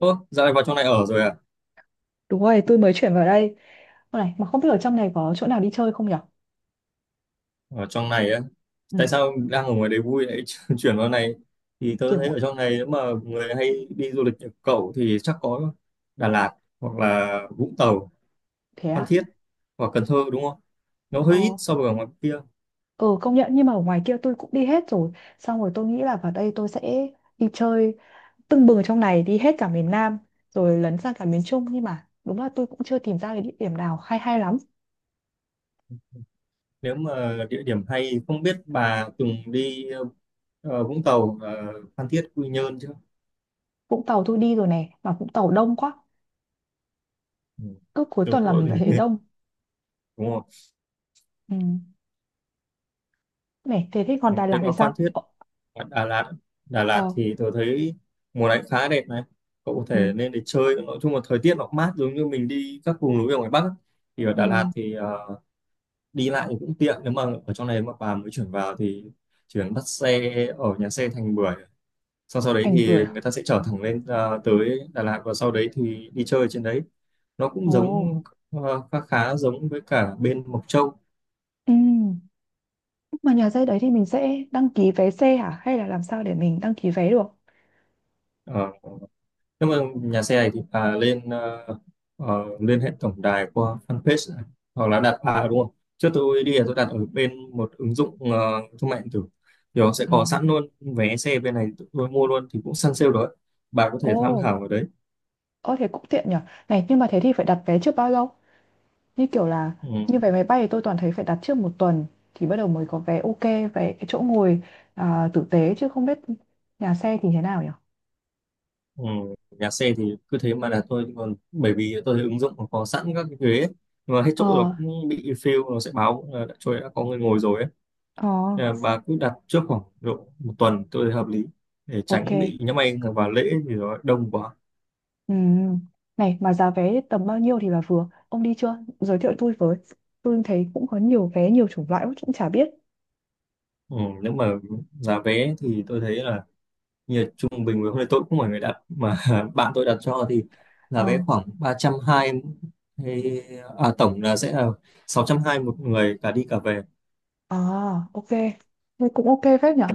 Ô, dạo này vào trong này ở rồi à? Đúng rồi, tôi mới chuyển vào đây. Ô này, mà không biết ở trong này có chỗ nào đi chơi không nhở? Ở trong này á? Ừ, Tại sao đang ở ngoài đấy vui lại chuyển vào này? Thì tớ thấy kiểu ở trong này nếu mà người hay đi du lịch như cậu thì chắc có Đà Lạt, hoặc là Vũng Tàu, thế Phan à? Thiết hoặc Cần Thơ, đúng không? Nó hơi Ờ, ít so với ở ngoài kia. ờ công nhận nhưng mà ở ngoài kia tôi cũng đi hết rồi. Xong rồi tôi nghĩ là vào đây tôi sẽ đi chơi tưng bừng ở trong này, đi hết cả miền Nam, rồi lấn sang cả miền Trung. Nhưng mà đúng là tôi cũng chưa tìm ra cái địa điểm nào hay hay lắm. Nếu mà địa điểm hay, không biết bà từng đi Vũng Tàu, Phan Thiết, Quy Nhơn chưa? Vũng Tàu tôi đi rồi này, mà Vũng Tàu đông quá. Ừ. Cứ cuối Đúng tuần là mình rồi. lại thấy đông. Đúng không? Ừ. Này, thế thế còn Ừ, Đà thế Lạt thì còn Phan sao? Thiết, Ờ, ở Đà Lạt, Đà ờ, Lạt thì tôi thấy mùa này khá đẹp này, cậu có ừ, thể nên để chơi. Nói chung là thời tiết nó cũng mát, giống như mình đi các vùng núi ở ngoài Bắc ấy. Thì ở ừ, Đà Lạt thì đi lại thì cũng tiện. Nếu mà ở trong này mà bà mới chuyển vào thì chỉ cần bắt xe ở nhà xe Thành Bưởi, sau sau đấy Thành Bưởi thì à? người ta sẽ chở thẳng lên tới Đà Lạt, và sau đấy thì đi chơi ở trên đấy. Nó cũng Ồ, giống khá khá giống với cả bên Mộc Châu. ừ. Mà nhà xe đấy thì mình sẽ đăng ký vé xe hả? Hay là làm sao để mình đăng ký vé được? Ờ, nhưng mà nhà xe này thì bà lên lên hệ tổng đài qua fanpage này, hoặc là đặt à, đúng không? Trước tôi đi là tôi đặt ở bên một ứng dụng thương mại điện tử, thì nó sẽ À, có sẵn luôn vé xe bên này. Tôi mua luôn thì cũng săn sale đó. Bà có thể Ồ, tham khảo ở đấy. ơ thế cũng tiện nhở. Này, nhưng mà thế thì phải đặt vé trước bao lâu? Như kiểu là, Ừ, như vé máy bay thì tôi toàn thấy phải đặt trước một tuần thì bắt đầu mới có vé, ok, vé chỗ ngồi à, tử tế chứ không biết nhà xe thì thế nào nhở. ừ. Nhà xe thì cứ thế mà là tôi còn bởi vì tôi thấy ứng dụng nó có sẵn các cái ghế ấy. Nhưng mà hết Ờ, chỗ rồi cũng bị fill, nó sẽ báo là đã, chỗ đã có người ngồi rồi ấy. ờ, Nên bà cứ đặt trước khoảng độ một tuần, tôi thấy hợp lý, để ok. tránh bị nhỡ anh vào lễ thì nó đông quá. Ừ. Này, mà giá vé tầm bao nhiêu thì là vừa? Ông đi chưa? Giới thiệu tôi với. Tôi thấy cũng có nhiều vé, nhiều chủng loại, cũng chả biết. Ừ, nếu mà giá vé thì tôi thấy là như là trung bình. Với hôm nay tôi cũng không phải người đặt mà bạn tôi đặt cho, thì giá Ờ. vé khoảng 320, hay à, tổng là sẽ là 620 một người cả đi cả về. À, ok. Thế cũng ok phết nhở.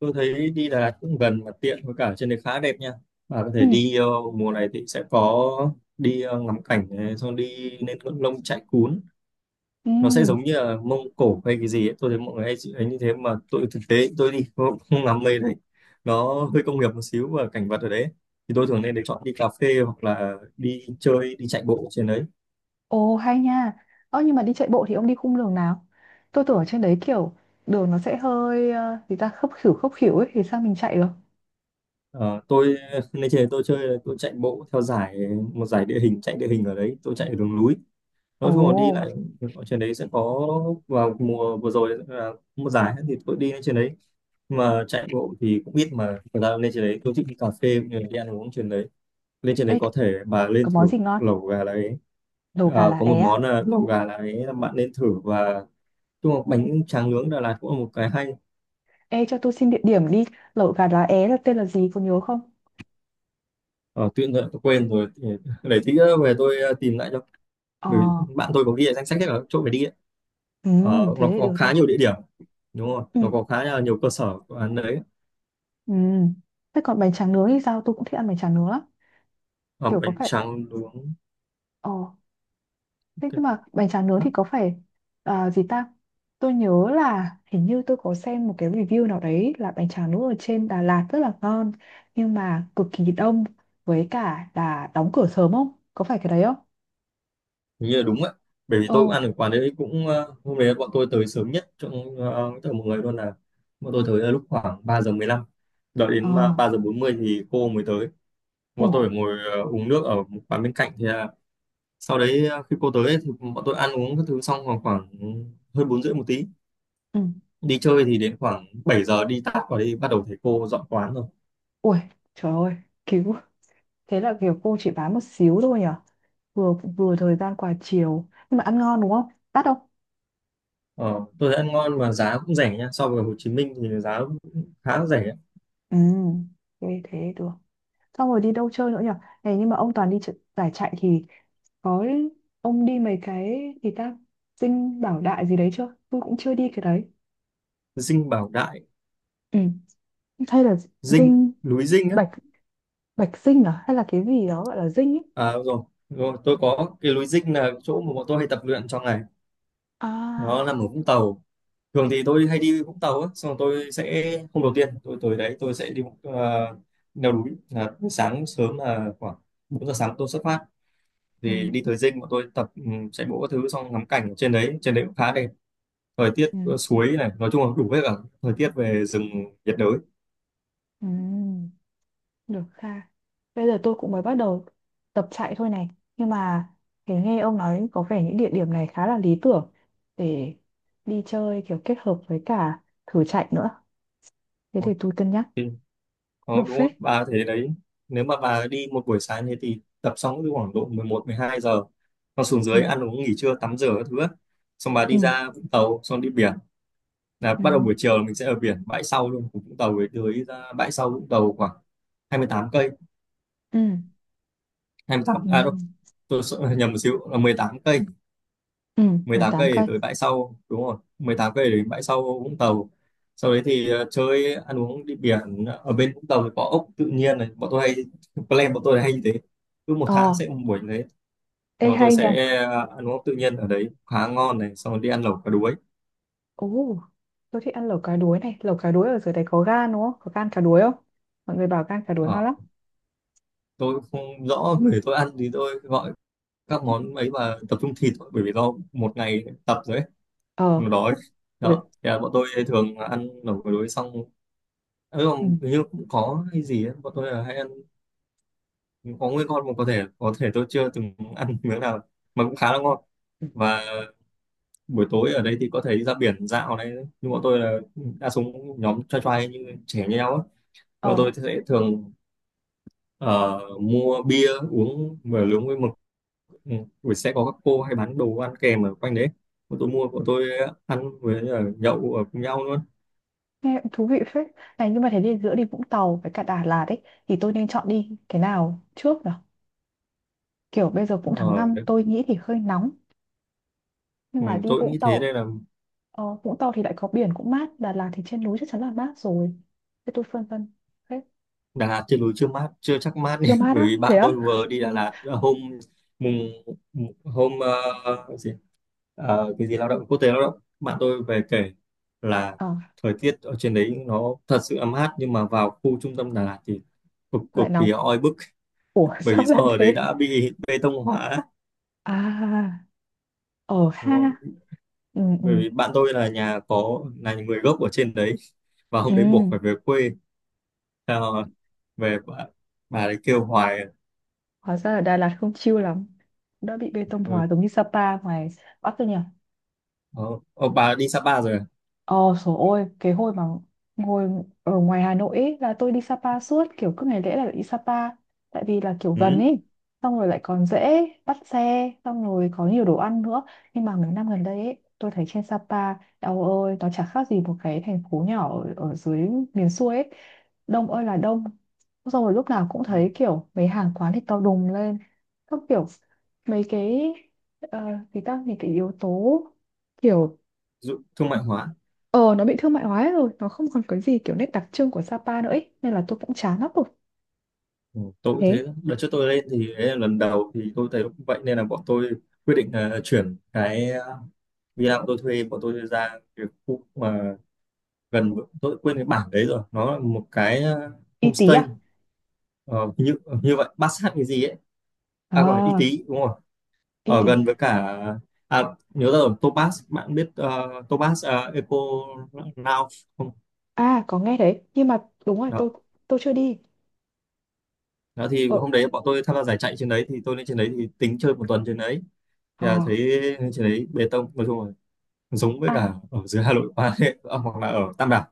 Tôi thấy đi Đà Lạt cũng gần mà tiện, với cả trên đấy khá đẹp nha. Bà có Ừ. thể đi mùa này thì sẽ có đi ngắm cảnh này, xong đi lên ngọn lông chạy cún. Ừ. Nó sẽ giống như là Mông Cổ hay cái gì ấy. Tôi thấy mọi người hay ấy như thế, mà tôi thực tế tôi đi tôi cũng không làm mê đấy. Nó hơi công nghiệp một xíu, và cảnh vật ở đấy thì tôi thường nên để chọn đi cà phê hoặc là đi chơi, đi chạy bộ trên đấy. Ồ, hay nha. Ơ, nhưng mà đi chạy bộ thì ông đi khung đường nào? Tôi tưởng ở trên đấy kiểu đường nó sẽ hơi gì ta, khấp khỉu ấy thì sao mình chạy được? Ờ, tôi nên trên đấy tôi chơi tôi chạy bộ theo giải, một giải địa hình, chạy địa hình ở đấy. Tôi chạy ở đường núi, nói chung là đi Ồ, lại ở trên đấy sẽ có. Vào mùa vừa rồi là một giải thì tôi đi lên trên đấy. Mà chạy bộ thì cũng biết, mà thật ra lên trên đấy tôi thích đi cà phê cũng như là đi ăn uống trên đấy. Lên trên đấy ê, có thể bà lên có thử món gì ngon? lẩu gà đấy. Lẩu gà Ờ, lá có một é à? món là lẩu gà đấy là bạn nên thử, và chung là bánh tráng nướng Đà Lạt cũng là một cái hay. Ê, cho tôi xin địa điểm đi. Lẩu gà lá é là tên là gì, có nhớ không? Ờ, Tuyên tôi quên rồi, để tí nữa về tôi tìm lại cho. Ờ, Bởi vì bạn tôi có ghi ở danh sách hết cả các chỗ phải đi ấy. ừ, Ờ, nó thế thì có được khá nha. nhiều địa điểm, đúng không, nó Ừ. có khá là nhiều cơ sở của ăn đấy. Ừ. Thế còn bánh tráng nướng thì sao? Tôi cũng thích ăn bánh tráng nướng lắm. Ờ, Kiểu có bánh phải... tráng nướng. Ờ. Thế nhưng mà bánh tráng nướng thì Ok. có phải à, gì ta? Tôi nhớ là hình như tôi có xem một cái review nào đấy là bánh tráng nướng ở trên Đà Lạt rất là ngon nhưng mà cực kỳ đông với cả là đóng cửa sớm không? Có phải cái đấy không? Hình như là đúng ạ. Bởi vì Ồ, tôi cũng ăn ở quán đấy cũng hôm đấy bọn tôi tới sớm nhất trong tất cả mọi người luôn. Là bọn tôi tới là lúc khoảng 3 giờ 15, đợi ờ, đến mà 3 giờ 40 thì cô mới tới. ủ, Bọn tôi phải ngồi uống nước ở một quán bên cạnh, thì là sau đấy khi cô tới ấy, thì bọn tôi ăn uống các thứ xong khoảng khoảng hơn 4 rưỡi một tí. ừ, Đi chơi thì đến khoảng 7 giờ đi tắt vào đi, bắt đầu thấy cô dọn quán rồi. ui, trời ơi, cứu. Thế là kiểu cô chỉ bán một xíu thôi nhở? Vừa vừa thời gian qua chiều nhưng mà ăn ngon đúng không? Đắt không? Ờ, tôi thấy ăn ngon mà giá cũng rẻ nha. So với Hồ Chí Minh thì giá cũng khá rẻ. Ừ, thế thế được. Xong rồi đi đâu chơi nữa nhở? Này nhưng mà ông toàn đi giải chạy thì có, ông đi mấy cái gì ta, Dinh Bảo Đại gì đấy chưa, tôi cũng chưa đi cái đấy. Dinh Bảo Đại, Ừ. Hay là Dinh, dinh, núi Dinh. bạch bạch dinh à, hay là cái gì đó gọi là dinh ấy? À đúng rồi, tôi có cái lối dinh là chỗ mà bọn tôi hay tập luyện trong ngày. Nó À, nằm ở Vũng Tàu. Thường thì tôi hay đi Vũng Tàu á, xong rồi tôi sẽ hôm đầu tiên tôi tới đấy tôi sẽ đi leo núi là sáng sớm là khoảng 4 giờ sáng tôi xuất phát, ừ. thì đi tới dinh bọn tôi tập, ừ, chạy bộ các thứ xong ngắm cảnh ở trên đấy cũng khá đẹp. Thời tiết Ừ. Suối này, nói chung là đủ hết cả thời tiết về rừng nhiệt đới. Ừ. Được ha. Bây giờ tôi cũng mới bắt đầu tập chạy thôi này, nhưng mà thấy nghe ông nói có vẻ những địa điểm này khá là lý tưởng để đi chơi kiểu kết hợp với cả thử chạy nữa, thế thì tôi cân nhắc Thì, cũng đó, được đúng phết. không? Bà thế đấy. Nếu mà bà đi một buổi sáng thế, thì tập xong cứ khoảng độ mười một, mười hai giờ con xuống Ừ. dưới ăn uống nghỉ trưa tắm rửa các thứ á. Xong bà Ừ. đi ra Vũng Tàu xong đi biển, là Ừ. bắt đầu buổi chiều là mình sẽ ở biển bãi sau luôn của Vũng Tàu. Với tới ra bãi sau Vũng Tàu khoảng 28 cây, Ừ. hai mươi tám Ừ, à đâu, nhầm một xíu là 18 cây, Ừ, mười mười tám tám cây để cây. tới bãi sau, đúng rồi 18 cây để đến bãi sau Vũng Tàu. Sau đấy thì chơi ăn uống đi biển ở bên Vũng Tàu thì có ốc tự nhiên này, bọn tôi hay plan bọn tôi là hay như thế, cứ một Ờ, tháng sẽ một buổi như thế. Thì ê bọn tôi hay, Ừ, nha. sẽ ăn uống ốc tự nhiên ở đấy khá ngon này, xong rồi đi ăn lẩu cá đuối. Ồ, tôi thích ăn lẩu cá đuối này. Lẩu cá đuối ở dưới đấy có gan đúng không? Có gan cá đuối không? Mọi người bảo gan cá đuối Ờ, ngon lắm. tôi cũng không rõ về tôi ăn thì tôi gọi các món ấy và tập trung thịt thôi, bởi vì do một ngày tập rồi ấy, Ờ, nó đói. Đó ừ. thì là bọn tôi thường là ăn ở buổi tối xong. Ừ, Ừ. không, hình như cũng có hay gì ấy. Bọn tôi là hay ăn có nguyên con, mà có thể tôi chưa từng ăn miếng nào mà cũng khá là ngon. Ừ. Và buổi tối ở đây thì có thể đi ra biển dạo này. Nhưng bọn tôi là đa số nhóm trai trai như trẻ như nhau á, bọn tôi Ờ, sẽ thường ờ, mua bia uống vừa nướng với mực. Ừ. Buổi sẽ có các cô hay bán đồ ăn kèm ở quanh đấy, bọn tôi mua bọn tôi ăn với là nhậu ở cùng nhau luôn. nghe cũng thú vị phết. Này nhưng mà thế thì giữa đi Vũng Tàu với cả Đà Lạt ấy thì tôi nên chọn đi cái nào trước nhở? Kiểu bây giờ cũng tháng Ờ 5 đấy. tôi nghĩ thì hơi nóng. Nhưng Ừ, mà đi tôi cũng Vũng nghĩ thế Tàu, nên là Vũng Tàu thì lại có biển cũng mát. Đà Lạt thì trên núi chắc chắn là mát rồi. Thế tôi phân vân. Thế, Đà Lạt trên núi chưa mát, chưa chắc mát nhỉ. chưa mát Bởi á? vì Thế bạn á? tôi vừa đi Đà Ừ. Lạt là mùng hôm ờ, cái gì Ờ, cái gì lao động quốc tế, lao động, bạn tôi về kể là Ờ, thời tiết ở trên đấy nó thật sự là mát, nhưng mà vào khu trung tâm Đà Lạt thì cực cực lại kỳ nóng. oi bức. Ủa Bởi vì sao do lại ở đấy thế? đã bị bê tông hóa. À, ở Đúng rồi. ha. Ừ, ừ, Bởi vì bạn tôi là nhà có là người gốc ở trên đấy, và ừ. hôm đấy buộc phải về quê. Sao về bà ấy kêu hoài. Hóa ra ở Đà Lạt không chill lắm. Đã bị bê tông Ừ. hóa giống như Sapa ngoài Bắc rồi nhỉ? Ờ, ờ, bà đi Sapa rồi à? Ờ, trời ơi cái hồi mà ngồi ở ngoài Hà Nội ấy, là tôi đi Sapa suốt, kiểu cứ ngày lễ là đi Sapa, tại vì là kiểu gần Ừ. ấy, xong rồi lại còn dễ bắt xe, xong rồi có nhiều đồ ăn nữa. Nhưng mà mấy năm gần đây ấy tôi thấy trên Sapa, eo ơi nó chả khác gì một cái thành phố nhỏ ở dưới miền xuôi ấy, đông ơi là đông, xong rồi lúc nào cũng thấy kiểu mấy hàng quán thì to đùng lên các kiểu, mấy cái uh, thì ta những cái yếu tố kiểu. Dụ, thương mại hóa. Ờ nó bị thương mại hóa hết rồi, nó không còn cái gì kiểu nét đặc trưng của Sapa nữa ấy. Nên là tôi cũng chán lắm rồi. Ừ, tôi cũng Thế thế. Đợt trước tôi lên thì đấy là lần đầu, thì tôi thấy cũng vậy nên là bọn tôi quyết định là chuyển cái villa bọn tôi thuê, bọn tôi ra cái khu mà gần, tôi quên cái bản đấy rồi, nó là một cái Y Tí homestay à? ờ, như như vậy, bát sát cái gì ấy, à còn y À tí đúng rồi, Y ở Tí. gần với cả, à, nhớ ra rồi, Topaz, bạn biết Topaz Eco Now không? À có nghe đấy. Nhưng mà đúng rồi Đó. Tôi chưa đi. Đó thì Ờ, hôm đấy bọn tôi tham gia giải chạy trên đấy, thì tôi lên trên đấy thì tính chơi một tuần trên đấy, thì là thấy à, lên trên đấy bê tông, nói chung là giống với cả à. ở dưới Hà Nội quá. Hoặc là ở Tam Đảo,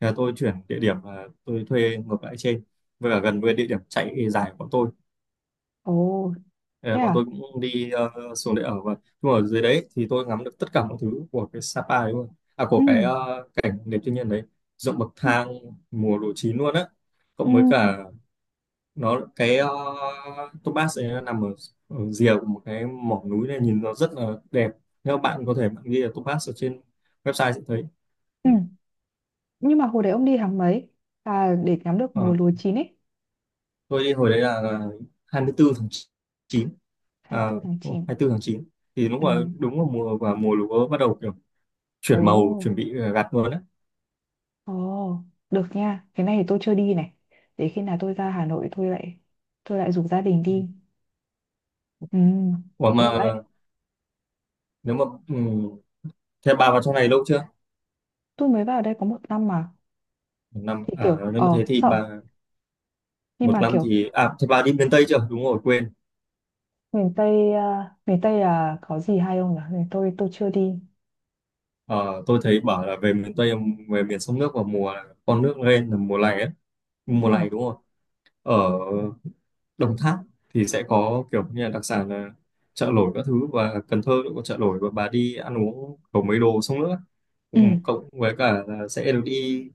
thì là tôi chuyển địa điểm và tôi thuê ngược lại trên, với cả gần với địa điểm chạy dài của bọn tôi. Ồ. Thế Ờ, Bọn à. tôi cũng đi xuống để ở. Và nhưng mà ở dưới đấy thì tôi ngắm được tất cả mọi thứ của cái Sapa đấy luôn, à của Ừ. cái cảnh đẹp thiên nhiên đấy, ruộng bậc Ừ. thang, mùa lúa chín luôn á, Ừ. cộng với cả nó cái Topaz ấy, nó nằm ở, ở rìa của một cái mỏ núi này nhìn nó rất là đẹp. Nếu bạn có thể bạn ghi là Topaz ở trên website sẽ thấy. Ừ. Nhưng mà hồi đấy ông đi tháng mấy? À để ngắm được mùa Ờ, lúa chín ấy. tôi đi hồi đấy là 24 tháng 9, à, 24 tháng 9. 24 tháng chín, thì lúc Ừ. mà đúng là mùa và mùa lúa bắt đầu kiểu chuyển màu, Ồ. chuẩn bị gặt luôn á. Ồ. Được nha. Cái này thì tôi chưa đi này. Để khi nào tôi ra Hà Nội tôi lại, tôi lại rủ gia đình đi. Ừ, Ủa cũng mà được đấy. nếu mà thế bà vào trong này lâu chưa? Tôi mới vào đây có một năm mà. Một năm Thì à? kiểu Nếu mà thế thì sợ, bà, nhưng một mà năm kiểu thì à thế bà đi miền Tây chưa? Đúng rồi, quên. miền Tây à, miền Tây là có gì hay không nhỉ? Miền tôi chưa đi. Ờ, tôi thấy bảo là về miền Tây, về miền sông nước vào mùa con nước lên là mùa này á, mùa Ờ. này đúng không, ở Đồng Tháp thì sẽ có kiểu như là đặc sản là chợ nổi các thứ, và Cần Thơ cũng có chợ nổi và bà đi ăn uống có mấy đồ xong nữa, Ừ. cũng cộng với cả là sẽ được đi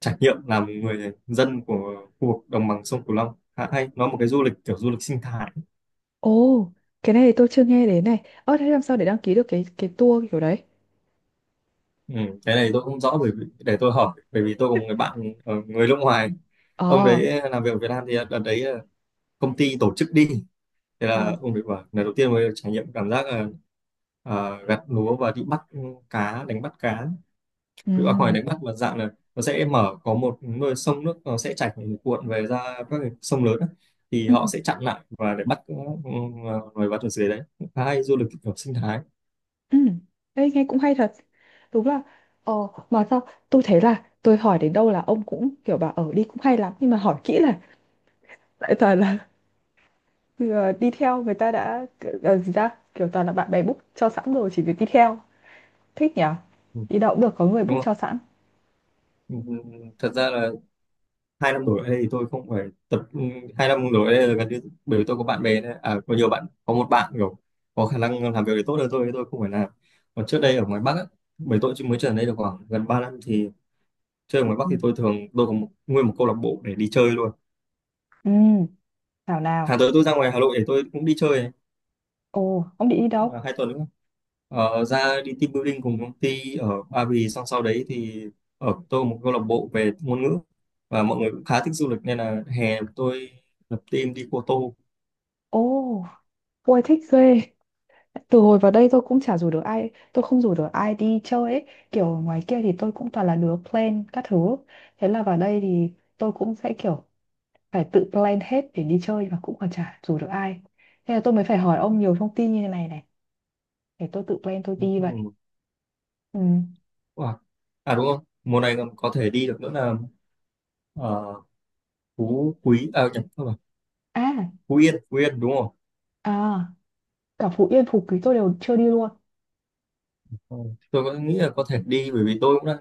trải nghiệm làm người dân của khu vực đồng bằng sông Cửu Long, khá hay, nó một cái du lịch kiểu du lịch sinh thái. Ồ, cái này thì tôi chưa nghe đến này. Ơ thế làm sao để đăng ký được cái tour kiểu đấy? Ừ, cái này tôi không rõ, bởi vì để tôi hỏi, bởi vì tôi có một người bạn người nước ngoài, ông Ờ, đấy làm việc ở Việt Nam, thì đợt đấy công ty tổ chức đi, thế ờ. là ông đấy bảo lần đầu tiên mới trải nghiệm cảm giác là gặt lúa và đi bắt cá, đánh bắt cá, cứ không phải Ừ. đánh bắt mà dạng là nó sẽ mở có một nơi sông nước, nó sẽ chảy cuộn về ra các cái sông lớn á, thì Ừ. họ sẽ chặn lại và để bắt loài vật ở dưới đấy, khá hay, du lịch kiểu sinh thái. Ừ. Ê, nghe cũng hay thật. Đúng là, ờ mà sao tôi thấy là tôi hỏi đến đâu là ông cũng kiểu bảo ở đi cũng hay lắm, nhưng mà hỏi kỹ là lại toàn là thì giờ đi theo người ta đã, gì ra kiểu toàn là bạn bè book cho sẵn rồi chỉ việc đi theo. Thích nhỉ, Ừ, đi đâu cũng được có người đúng book không? cho sẵn. Ừ, ừ, thật ra là 2 năm rồi ở đây thì tôi không phải tập, 2 năm rồi ở đây là gần như, bởi vì tôi có bạn bè đấy. À, có nhiều bạn, có một bạn kiểu có khả năng làm việc thì tốt hơn tôi không phải làm. Còn trước đây ở ngoài Bắc á, bởi tôi chỉ mới trở lại đây được khoảng gần 3 năm, thì chơi ở ngoài Bắc Ừ. thì tôi thường, tôi có một, nguyên một câu lạc bộ để đi chơi luôn. Ừ, nào Tháng nào tới tôi ra ngoài Hà Nội để tôi cũng đi chơi này, Ồ ông định đi à, đâu? 2 tuần nữa. Ra đi team building cùng công ty ở Ba Vì, xong sau đấy thì, ở tôi có một câu lạc bộ về ngôn ngữ và mọi người cũng khá thích du lịch, nên là hè tôi lập team đi Cô Ồ ôi thích ghê, từ hồi vào đây tôi cũng chả rủ được ai, tôi không rủ được ai đi chơi ấy. Kiểu ngoài kia thì tôi cũng toàn là đứa plan các thứ, thế là vào đây thì tôi cũng sẽ kiểu phải tự plan hết để đi chơi, mà cũng còn chả rủ được ai. Thế là tôi mới phải hỏi ông nhiều thông tin như thế này này, để tôi tự plan tôi đi vậy. Tô. Ừ. Wow. À đúng không? Mùa này còn có thể đi được nữa là uh, Phú Quý, à nhầm, không phải, À, Phú Yên, Phú Yên đúng không? à, cả Phú Yên, Phú Quý tôi đều chưa đi luôn. Ờ, tôi có nghĩ là có thể đi, bởi vì tôi cũng đang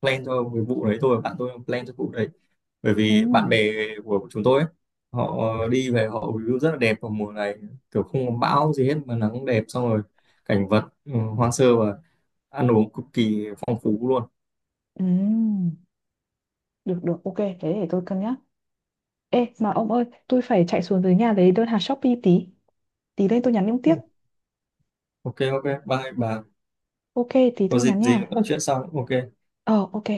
plan cho cái vụ đấy thôi, bạn tôi đang plan cho vụ đấy. Bởi Ừ, vì bạn bè của chúng tôi ấy, họ đi về họ view rất là đẹp vào mùa này, kiểu không có bão gì hết mà nắng đẹp, xong rồi cảnh vật hoang sơ, và ăn uống cực kỳ phong phú luôn. ừ, được, được, ok, thế để tôi cân nhắc. Ê, mà ông ơi, tôi phải chạy xuống dưới nhà lấy đơn hàng Shopee tí. Tí lên tôi nhắn ông Ừ, tiếp. ok ok, bye bà. Ok, tí Có tôi dịp nhắn gì nữa nha. nói chuyện sau. Ok. Ờ, ok.